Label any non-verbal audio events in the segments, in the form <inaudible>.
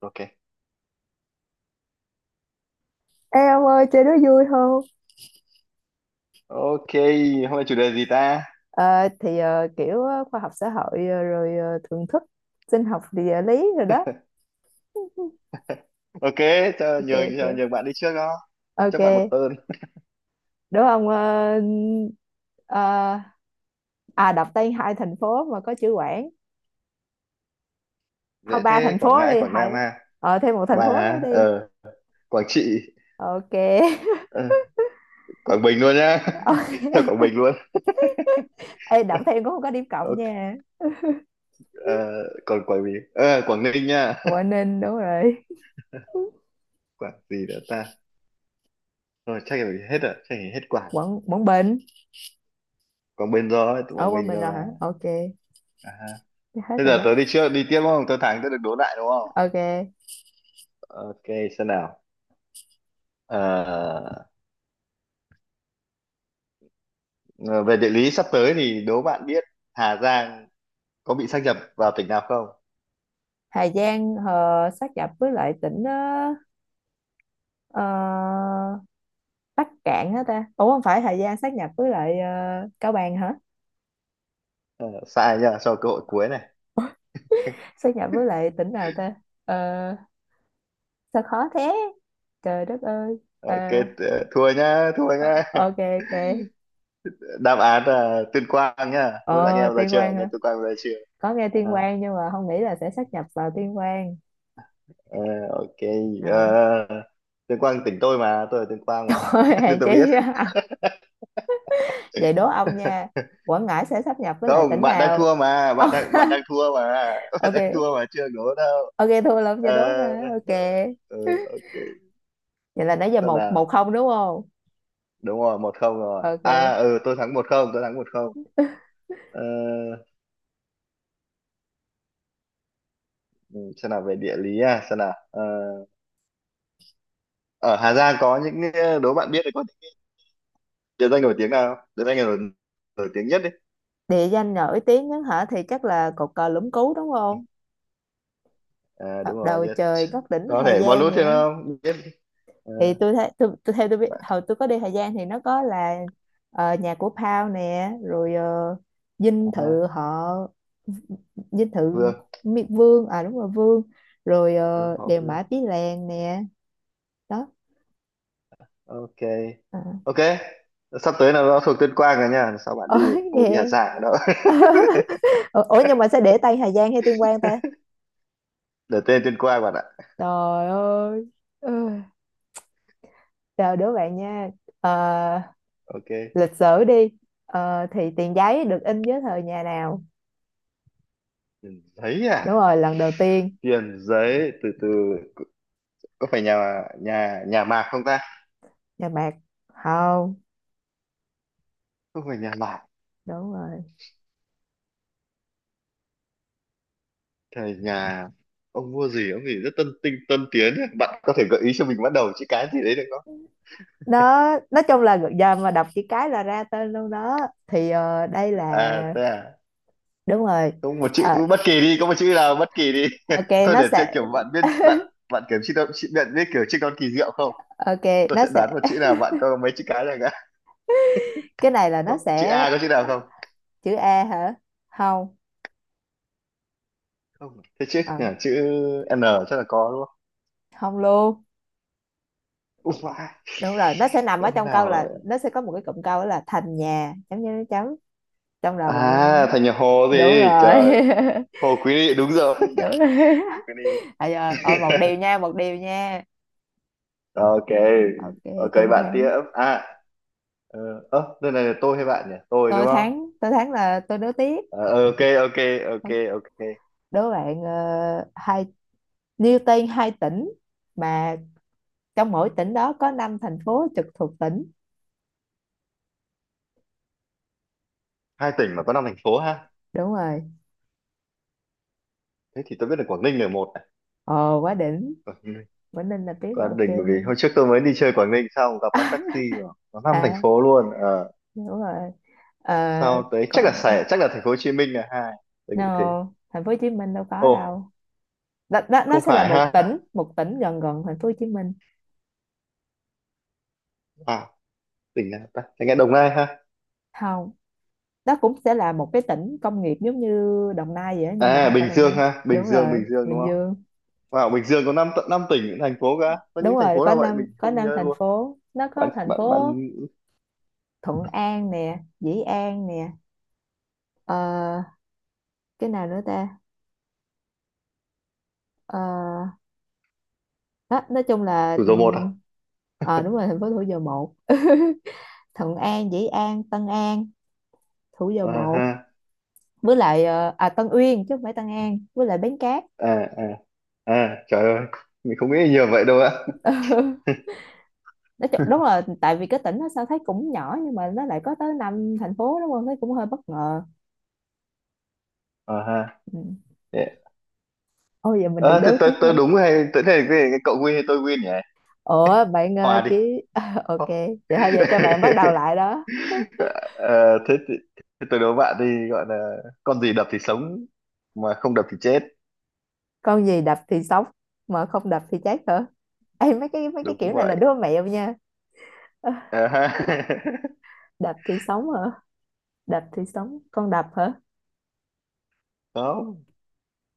Ok. Ê ông ơi chơi đó vui không? Ok, hôm nay chủ đề gì ta? Ờ, thì ờ, kiểu ờ, khoa học xã hội, rồi thưởng thức sinh học địa lý rồi đó. <laughs> Ok, Ok, ok, cho nhường bạn đi trước đó, cho bạn một ok, tên. <laughs> đúng không? Ờ, ờ, đọc tên hai thành phố mà có chữ Quảng. Thôi, Dễ ba thế, thành Quảng phố Ngãi, đi, Quảng Nam hai. ha. Thêm một thành Bà phố á? nữa đi. Ờ Quảng Trị. Ok. <laughs> ờ, Quảng Bình luôn nhá. Ờ, <laughs> Cho Quảng Bình luôn. ê đọc thêm cũng không có điểm cộng Ok. nha. ờ, Còn Quảng Bình, Quảng Ninh nha. Quảng <laughs> Ninh đúng rồi. Quảng gì nữa ta? Rồi chắc là hết rồi, chắc là hết Quảng. Quảng Quảng Bình. Quảng Bình rồi, tụi Ở Quảng Quảng Bình Bình rồi rồi mà. hả? Ok. À, ha. Hết Thế rồi giờ đó. tớ đi trước, đi tiếp đúng không? Tớ thắng, tớ được đố lại đúng không? Ok. Ok, xem nào. Ờ, Ờ, Về địa lý sắp tới thì đố bạn biết Hà Giang có bị sáp nhập vào tỉnh nào không? Hà Giang sát nhập với lại tỉnh Ờ, Bắc Cạn hả ta? Ủa, không phải. Hà Giang sát nhập với lại Cao Bằng hả? Ờ, Sai nhá, cho cơ hội cuối này. Ủa, <laughs> sát nhập với lại tỉnh nào ta? Ờ, sao khó thế. Trời đất ơi. Ờ, Ok, thua nhá, thua nhá. <laughs> ok, ok. Đáp án là Tuyên Quang nhá. Thôi anh Ờ em ra Tuyên chưa? Quang Nghe hả? Tuyên Quang ra chưa? Có nghe Tuyên À, Quang nhưng mà không nghĩ là sẽ sát nhập vào Tuyên Quang. ờ, ok. Ờ. <laughs> ờ, Tuyên Quang tỉnh tôi mà, tôi ở Tuyên Quang mà. Thôi <laughs> Nên hèn tôi biết. chi. <laughs> Vậy đố ông nha. Quảng Ngãi sẽ sát nhập với lại Không, tỉnh bạn đang nào? thua mà, Ông- bạn đang thua mà. <laughs> <laughs> Bạn đang ok. thua mà chưa đố đâu. Ok, thua lắm Ờ, cho đố nè. Ok, ờ, ờ, ok. vậy là nãy giờ Sao 1-1, nào? không đúng không? Đúng rồi, một không rồi à. Ok. Ừ, tôi thắng một không, tôi thắng một không. ờ, ừ, xem nào, về địa lý. À, xem nào, ở Hà Giang có những, đố bạn biết thì có địa danh nổi tiếng nào không? Địa danh nào nổi, nổi tiếng nhất đi. Địa danh nổi tiếng nhất hả thì chắc là cột cờ Lũng Cú đúng không? À, Ờ, đúng rồi, "Đầu yes. trời ngất đỉnh Có Hà thể bón Giang" lút vậy thì đó. nó biết đi. Ờ, Thì tôi thấy, tôi theo tôi biết Bạn, hồi tôi có đi Hà Giang thì nó có là nhà của Pao nè, rồi dinh à, thự họ, dinh thự Vương, Vương, à đúng rồi, Vương, rồi đúng họ đèo Vương. Mã Pí Lèng nè, đó. Ok. À. Ok, sắp tới là nó thuộc Tuyên Quang rồi nha, sao bạn đi Ôi không phải đi Hà nghe. Giang đâu. <laughs> Ủa ủa, nhưng mà sẽ để tay Hà Giang hay Tuyên Quang ta? <laughs> Để tên Tuyên Quang bạn ạ. Trời ơi. Ừ. Chào đứa bạn nha. Ờ, Ok. lịch sử đi. Thì tiền giấy được in dưới thời nhà nào? Tiền giấy Đúng à? rồi, lần đầu tiên. Tiền giấy, từ từ, có phải nhà nhà nhà Mạc không ta? Nhà Mạc? Không. Không phải nhà Mạc. Đúng rồi. Thời nhà ông mua gì, ông gì rất tân tiến ấy. Bạn có thể gợi ý cho mình bắt đầu chữ cái gì đấy được không? Nó nói chung là giờ mà đọc chữ cái là ra tên luôn đó, thì đây À là. thế à? Đúng rồi. Không, một chữ Ờ, bất kỳ đi, có một chữ nào bất kỳ đi. <laughs> ok, Thôi nó để chơi sẽ. kiểu bạn biết, bạn bạn kiểu chữ chữ bạn biết kiểu chữ con kỳ diệu không? Ok, Tôi nó sẽ đoán sẽ. một chữ nào, bạn có mấy chữ cái này cả. Cái này là nó Có chữ sẽ. A, có chữ nào không? Chữ A hả? Không. Không, thế chữ, Ờ, à, chữ N chắc là có đúng không? không luôn. Ui, vãi, Đúng rồi, nó sẽ nằm chữ ở ông trong câu, nào là ấy. nó sẽ có một cái cụm câu đó là thành nhà chấm chấm chấm. Trong là bạn. À thành nhà Hồ Đúng gì rồi. trời. <laughs> Hồ Quý Ly đúng rồi. <laughs> Đúng rồi. <laughs> Hồ Quý Ly. À giờ <laughs> rồi, một điều nha, một điều nha. Ok. Ok. Ok, Tôi bạn tiếp. thắng. À, ờ ơ, đây này là tôi hay bạn nhỉ? Tôi Tôi đúng không? thắng, tôi thắng là tôi đố tiếp. Ờ, ok ok ok ok. Đố bạn hai, nêu tên hai tỉnh mà trong mỗi tỉnh đó có 5 thành phố trực thuộc tỉnh. Hai tỉnh mà có năm thành phố ha. Đúng rồi. Thế thì tôi biết là Quảng Ninh là một này. Ồ, quá đỉnh. Quảng Ninh. Quảng Ninh là biết, là Quảng ok Ninh, bởi nè. vì hồi trước tôi mới đi chơi Quảng Ninh xong gặp bác taxi mà có năm thành À phố luôn. Ờ đúng rồi. Ờ, Sau tới chắc là còn Sài, chắc là thành phố Hồ Chí Minh là hai. Tôi nghĩ thế. no, thành phố Hồ Chí Minh đâu có Ồ, đâu. Đó, đó, nó không sẽ là phải một ha. tỉnh, một tỉnh gần gần thành phố Hồ Chí Minh. À, tỉnh nào ta? Tôi nghe Đồng Nai ha. Không, đó cũng sẽ là một cái tỉnh công nghiệp giống như Đồng Nai vậy á, nhưng mà À không phải Bình Đồng Dương Nai. ha, Bình Đúng Dương, rồi, Bình Dương đúng. Bình Dương. Wow, Bình Dương có năm, tận năm tỉnh thành phố cả. Có những Đúng thành rồi, phố có nào vậy? năm Mình có không năm nhớ thành luôn. phố, nó Bạn có thành bạn phố Bạn, Thuận An nè, Dĩ An nè, ờ, cái nào nữa ta? ờ, Đó, nói chung là thủ dầu một à? Đúng rồi, thành phố Thủ Dầu Một. <laughs> Thuận An, Dĩ An, Tân An, Thủ Dầu À Một ha. với lại Tân Uyên, chứ không phải Tân An, với lại Bến Cát. À à, à trời ơi. Mình không nghĩ nhiều vậy đâu á. Nói chung đúng là tại vì cái tỉnh nó sao thấy cũng nhỏ nhưng mà nó lại có tới năm thành phố, đúng không, thấy cũng hơi bất ngờ. À ha. Ừ. Thế, Ôi giờ mình được à, thế đối tiếp tôi nữa. đúng hay tôi, thế cái cậu win hay tôi win nhỉ? Ủa bạn Hòa đi. chỉ. <laughs> Ok, vậy thôi giờ cho bạn bắt đầu <laughs> lại đó. Ờ, thế, thì, thế tôi đố bạn đi, gọi là con gì đập thì sống mà không đập thì chết. Con gì đập thì sống mà không đập thì chết hả? Ê, mấy cái Đúng kiểu này là vậy. đứa mẹo nha. Ơ, À ha. <laughs> đập thì sống hả? Đập thì sống, con đập hả? Không,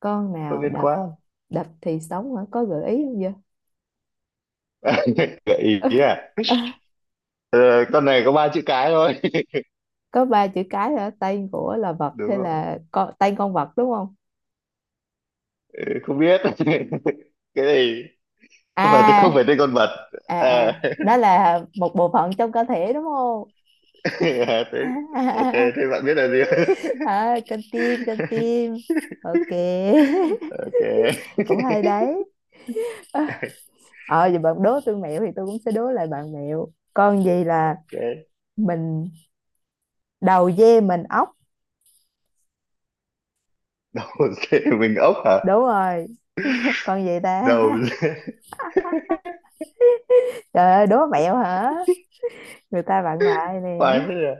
Con không nào liên đập? quan. Đập thì sống hả, có gợi ý không vậy? Gợi ý à? Ờ, con này có ba chữ cái thôi. <laughs> <laughs> Có ba chữ cái hả, tên của là vật Đúng hay rồi. là con, tên con vật đúng không? Ừ, không biết <laughs> cái này. À, Không phải, không phải tên con vật. à, à, À, <laughs> đó là một bộ phận trong cơ thể đúng không? à, thế, ok <laughs> thế bạn biết là gì? À, con tim, con <laughs> tim. Ok. <laughs> Ok. Cũng hay đấy. <laughs> Ờ Giờ bạn đố tôi mẹo thì tôi cũng sẽ đố lại bạn mẹo. Con gì là Ok, mình đầu dê mình ốc? đầu dê mình ốc hả? Đúng rồi. Con gì ta? Đầu <laughs> dê. Trời ơi, đố mẹo hả, người ta bạn lại <laughs> nè. Khoai thế à?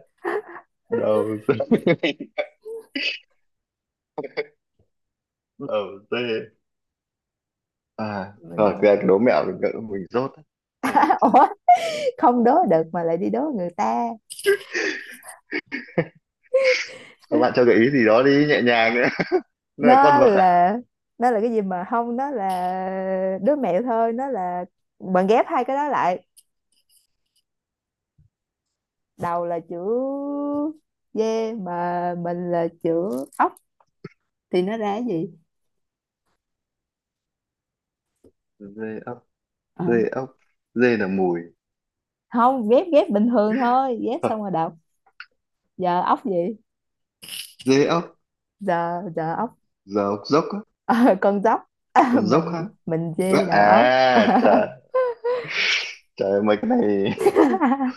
Đầu dê. <laughs> Đầu dê. À Mình rồi đố. cái đố mẹo mình gợi mình rốt đấy. Để nghĩ <laughs> xem nào. Ủa, không đố được mà lại đi đố người ta. Các bạn cho gợi ý gì đó đi, nhẹ nhàng nữa. <laughs> Nó là con Nó vật à? là, nó là cái gì mà không, nó là đứa mẹo thôi. Nó là bạn ghép hai cái đó lại, đầu là chữ dê mà mình là chữ ốc thì nó ra cái gì. Dê ốc. Ờ, Dê ốc. Dê là mùi. không, ghép ghép bình thường thôi, ghép xong <laughs> rồi đọc. Giờ ốc gì? Dê ốc, Giờ, giờ ốc. giờ ốc dốc á, Ờ, con dốc. <laughs> ông dốc ha. Mình dê đầu ốc. À trời, trời ơi, mấy cái này. <laughs>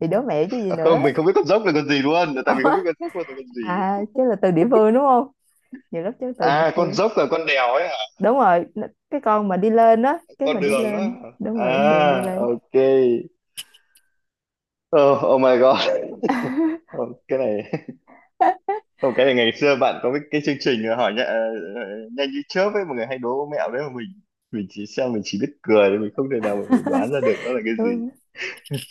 Thì đố mẹo chứ gì <laughs> nữa. Không, mình không biết con dốc là con gì luôn, tại mình không Ủa, biết con dốc là con gì. à chứ là từ địa phương đúng không, nhiều lúc chứ từ địa À con phương. dốc là con đèo ấy hả? Đúng rồi, nó- cái con mà đi lên á, cái mà Con đi đường á. lên, đúng rồi, đường đi À, lên. ok. Oh, oh my god. <laughs> Oh, cái này. <laughs> <laughs> Không cái này ngày xưa bạn có cái chương trình hỏi nhá, nhanh như chớp ấy, mọi người hay đố mẹo đấy mà mình chỉ xem mình chỉ biết cười thôi, mình không thể nào mà mình đoán ra được nó là cái Đúng gì. rồi.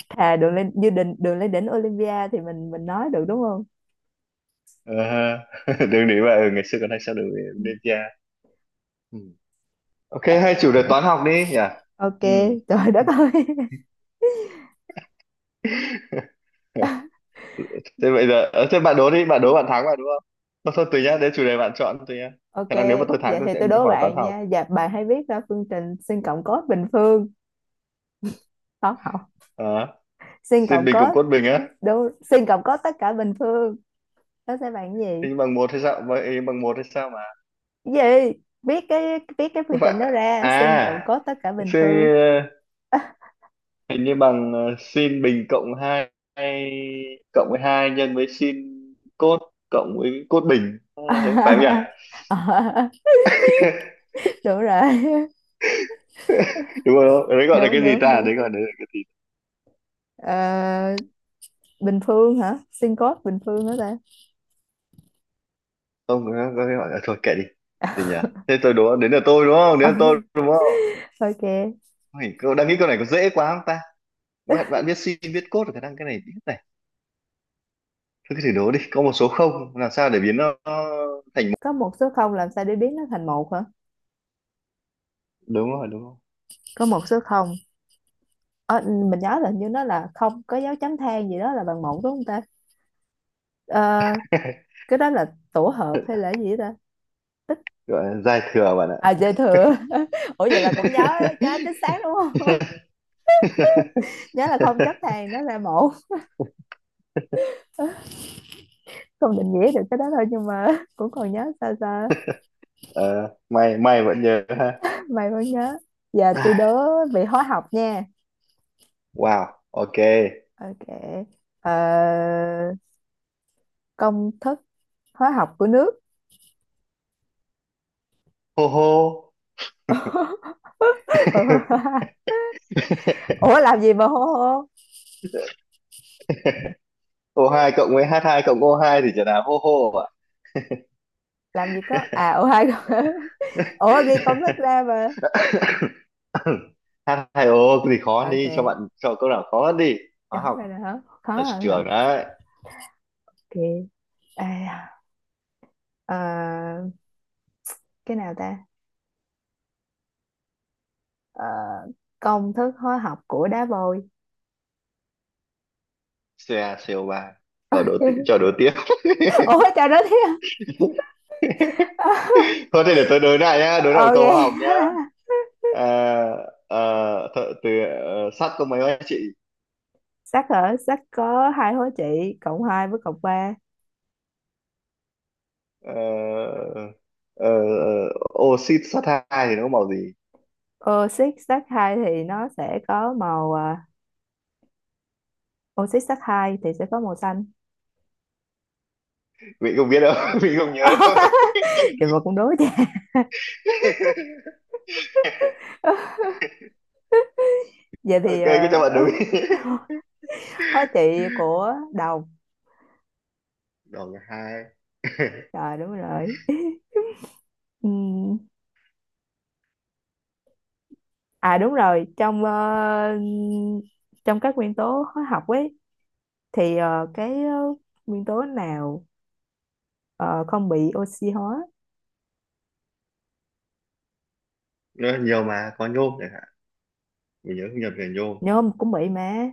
Thà đường lên như đỉnh, đường lên đỉnh Olympia thì mình nói được đúng không. À, <laughs> đường đấy mà, ừ, <laughs> ngày xưa còn hay xem Ừ. đường đêm kia. Ok, Ờ, hay chủ đề toán học đi nhỉ? ok. Ừ. Trời đất ơi. <laughs> <laughs> Thế bây giờ, thế bạn đố đi, bạn đố, bạn thắng mà đúng không? Thôi, thôi tùy nhá, để chủ đề bạn chọn tùy nhá. Ok, Khả năng nếu mà tôi thắng vậy tôi thì sẽ tôi đố hỏi toán bạn học. nha, dạ bạn hãy viết ra phương trình sin cộng cos bình phương. Không, không, Ờ, sin xin cộng bình cos. cộng cốt bình á. Đúng, sin cộng cos tất cả bình phương, nó sẽ bằng cái gì. Hình bằng một hay sao? Vậy hình bằng một hay sao mà? Cái gì? Viết cái, viết cái phương Không phải. trình đó ra, sin cộng À, cos tất cả bình xin, phương. ờ, hình như bằng, sin bình cộng hai, cộng với 2 nhân với sin cốt cộng với cốt bình. Ờ, phải không nhỉ? <laughs> <laughs> Đúng rồi. <laughs> Đúng không? Đấy gọi là Đúng, cái gì đúng, ta? đúng. Đấy gọi là cái gì? Ờ, bình phương hả, sin code bình phương hả ta? Không có, có cái hỏi à, thôi kệ đi. Gì nhỉ? Thế tôi đố đến là tôi đúng không, Ờ, đến là tôi <laughs> đúng không. ok. Ôi, câu đang nghĩ, câu này có dễ quá không ta? Bạn bạn biết sin biết cos rồi, khả năng cái này biết này. Thôi cứ thử đố đi, có một số không làm sao để biến nó thành một? Có một số không, làm sao để biến nó thành một hả? Đúng rồi, đúng không? Có một số không. Ờ, mình nhớ là hình như nó là không có dấu chấm than gì đó là bằng một đúng không ta. Ờ, <laughs> cái đó là tổ hợp hay là gì đó. Gọi là giai thừa bạn ạ. Ta à, dư thừa. <laughs> Ủa vậy là cũng nhớ, nhớ chính xác đúng không. <laughs> <laughs> Nhớ là không chấm than nó ra một, không định nghĩa được cái đó thôi, nhưng mà <laughs> cũng còn nhớ sao sao. Ờ, may may vẫn nhớ ha. May vẫn nhớ. Giờ tôi À, đố vị hóa học nha. wow ok. Ok. Ờ, công thức hóa học của nước. Hô hô. <laughs> <laughs> Ủa làm gì mà hô hô? O hai cộng với h hai cộng o hai thì trở là hô. Hô ạ. Làm gì có, à ủa hai. <laughs> Ủa ghi công thức <laughs> ra mà. <coughs> H2O. Cái gì khó Ok, đi, cho bạn, cho câu nào khó hơn đi. Hóa chấm học ra rồi hả? Khó ở hơn hả? trường đấy. Ok. À, ờ, cái nào ta? Ờ, công thức hóa học của đá vôi. CaCO3, cho <laughs> đố tiếp. <laughs> Ủa trời đất thiệt. Thôi thì để tôi đối lại nhá, đối lại một Ok. câu hóa học nhá. <laughs> À, à, từ, sắt có mấy anh chị. Sắt hả? Sắt có hai hóa trị, cộng 2 với cộng ba. Ờ, ờ, ờ, Oxit sắt hai thì nó có màu gì? Oxit sắt 2 thì nó sẽ có màu à, oxy sắt 2 thì sẽ có màu xanh. Vị không biết đâu. <laughs> Vị không nhớ đâu. Vậy <laughs> mà cũng đối vậy. <laughs> Vậy thì Ok cứ cho bạn đúng. <laughs> hóa trị của đồng. Đòn hai. <laughs> Trời, đúng rồi. Ừm, À đúng rồi. Trong trong các nguyên tố hóa học ấy, thì nguyên tố nào ờ, không bị oxy hóa. Ờ, nhiều mà, có nhôm chẳng hạn, mình nhớ không nhầm về nhôm. Nhôm cũng bị mà.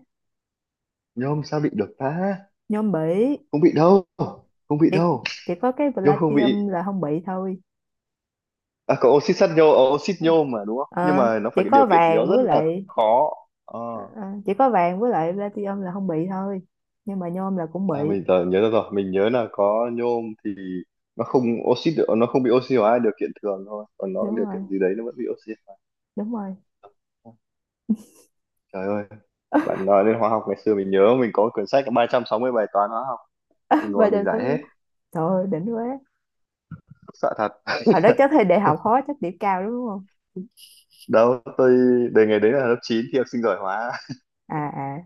Nhôm sao bị được ta? Nhôm bị. Không bị đâu. Không bị Chỉ, đâu. chỉ có cái Nhôm không palladium bị. là không bị thôi. À có oxit sắt nhôm, oxit nhôm mà đúng không, nhưng Ờ, mà nó Chỉ phải cái điều có kiện gì đó vàng rất với là lại. khó. Ờ, À, chỉ có vàng với lại platinum là không bị thôi, nhưng mà nhôm là cũng à bị. mình giờ nhớ ra rồi, mình nhớ là có nhôm thì nó không oxit được, nó không bị oxy hóa điều kiện thường thôi, còn nó Đúng điều kiện rồi, gì đấy nó vẫn bị oxy hóa. đúng rồi. Trời ơi, bạn nói đến hóa học ngày xưa mình nhớ mình có quyển sách có 360 bài toán hóa học. Mình <laughs> ba ngồi mình trăm sáu giải hết. mươi Trời ơi đỉnh quá. Sợ thật. Hồi đó <laughs> chắc thi đại học khó, chắc điểm cao đúng không? Đâu tôi, đề ngày đấy là lớp 9 thi học sinh giỏi hóa. <laughs> À, à.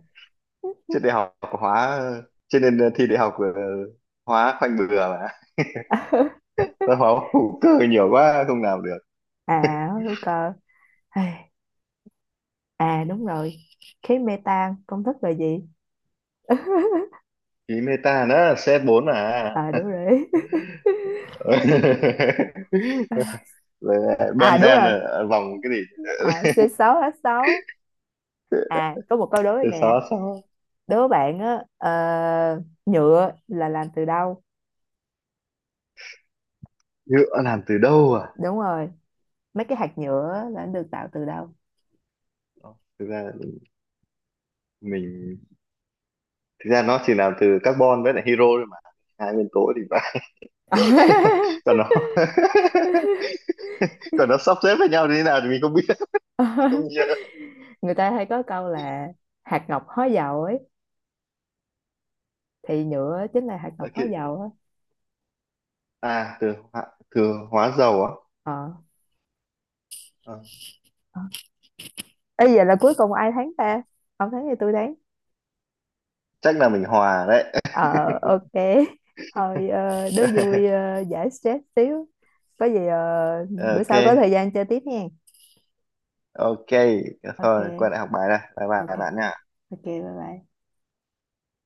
Trên đại học hóa, cho nên thi đại học, hóa khoanh bừa mà. <laughs> Tôi hóa <laughs> hữu cơ nhiều quá không làm được. À hữu cơ. À, à đúng rồi, khí metan công thức là gì? Ý meta nó c bốn à? À đúng rồi. <laughs> <laughs> Rồi lại À đúng benzen rồi, là vòng cái gì. à, C6H6. À có một câu đố Thế nè, xó xó, đố bạn á, nhựa là làm từ đâu. nhựa làm từ đâu à? Đúng rồi, mấy cái hạt nhựa là nó được tạo từ đâu. Thực ra mình, thực ra nó chỉ làm từ carbon với lại hydro thôi mà, hai nguyên tố thì phải. <laughs> Còn <laughs> nó <laughs> còn nó sắp xếp với nhau như thế nào thì mình không biết, không nhớ. Người ta hay có câu là hạt ngọc hóa dầu ấy, thì nhựa chính là hạt ngọc Ok, hóa dầu á. à hóa, từ hóa dầu á. Ờ. Ờ, Ê, vậy là cuối cùng ai thắng ta? Ông thắng thì tôi thắng. chắc là mình hòa đấy. Ờ ok. <laughs> Thôi đố vui <laughs> giải stress xíu. Có gì bữa Ok. sau có thời gian chơi tiếp nha. Ok, thôi quay Ok. lại học bài đây, bye bye Ok. các bạn nha. Ok, bye bye.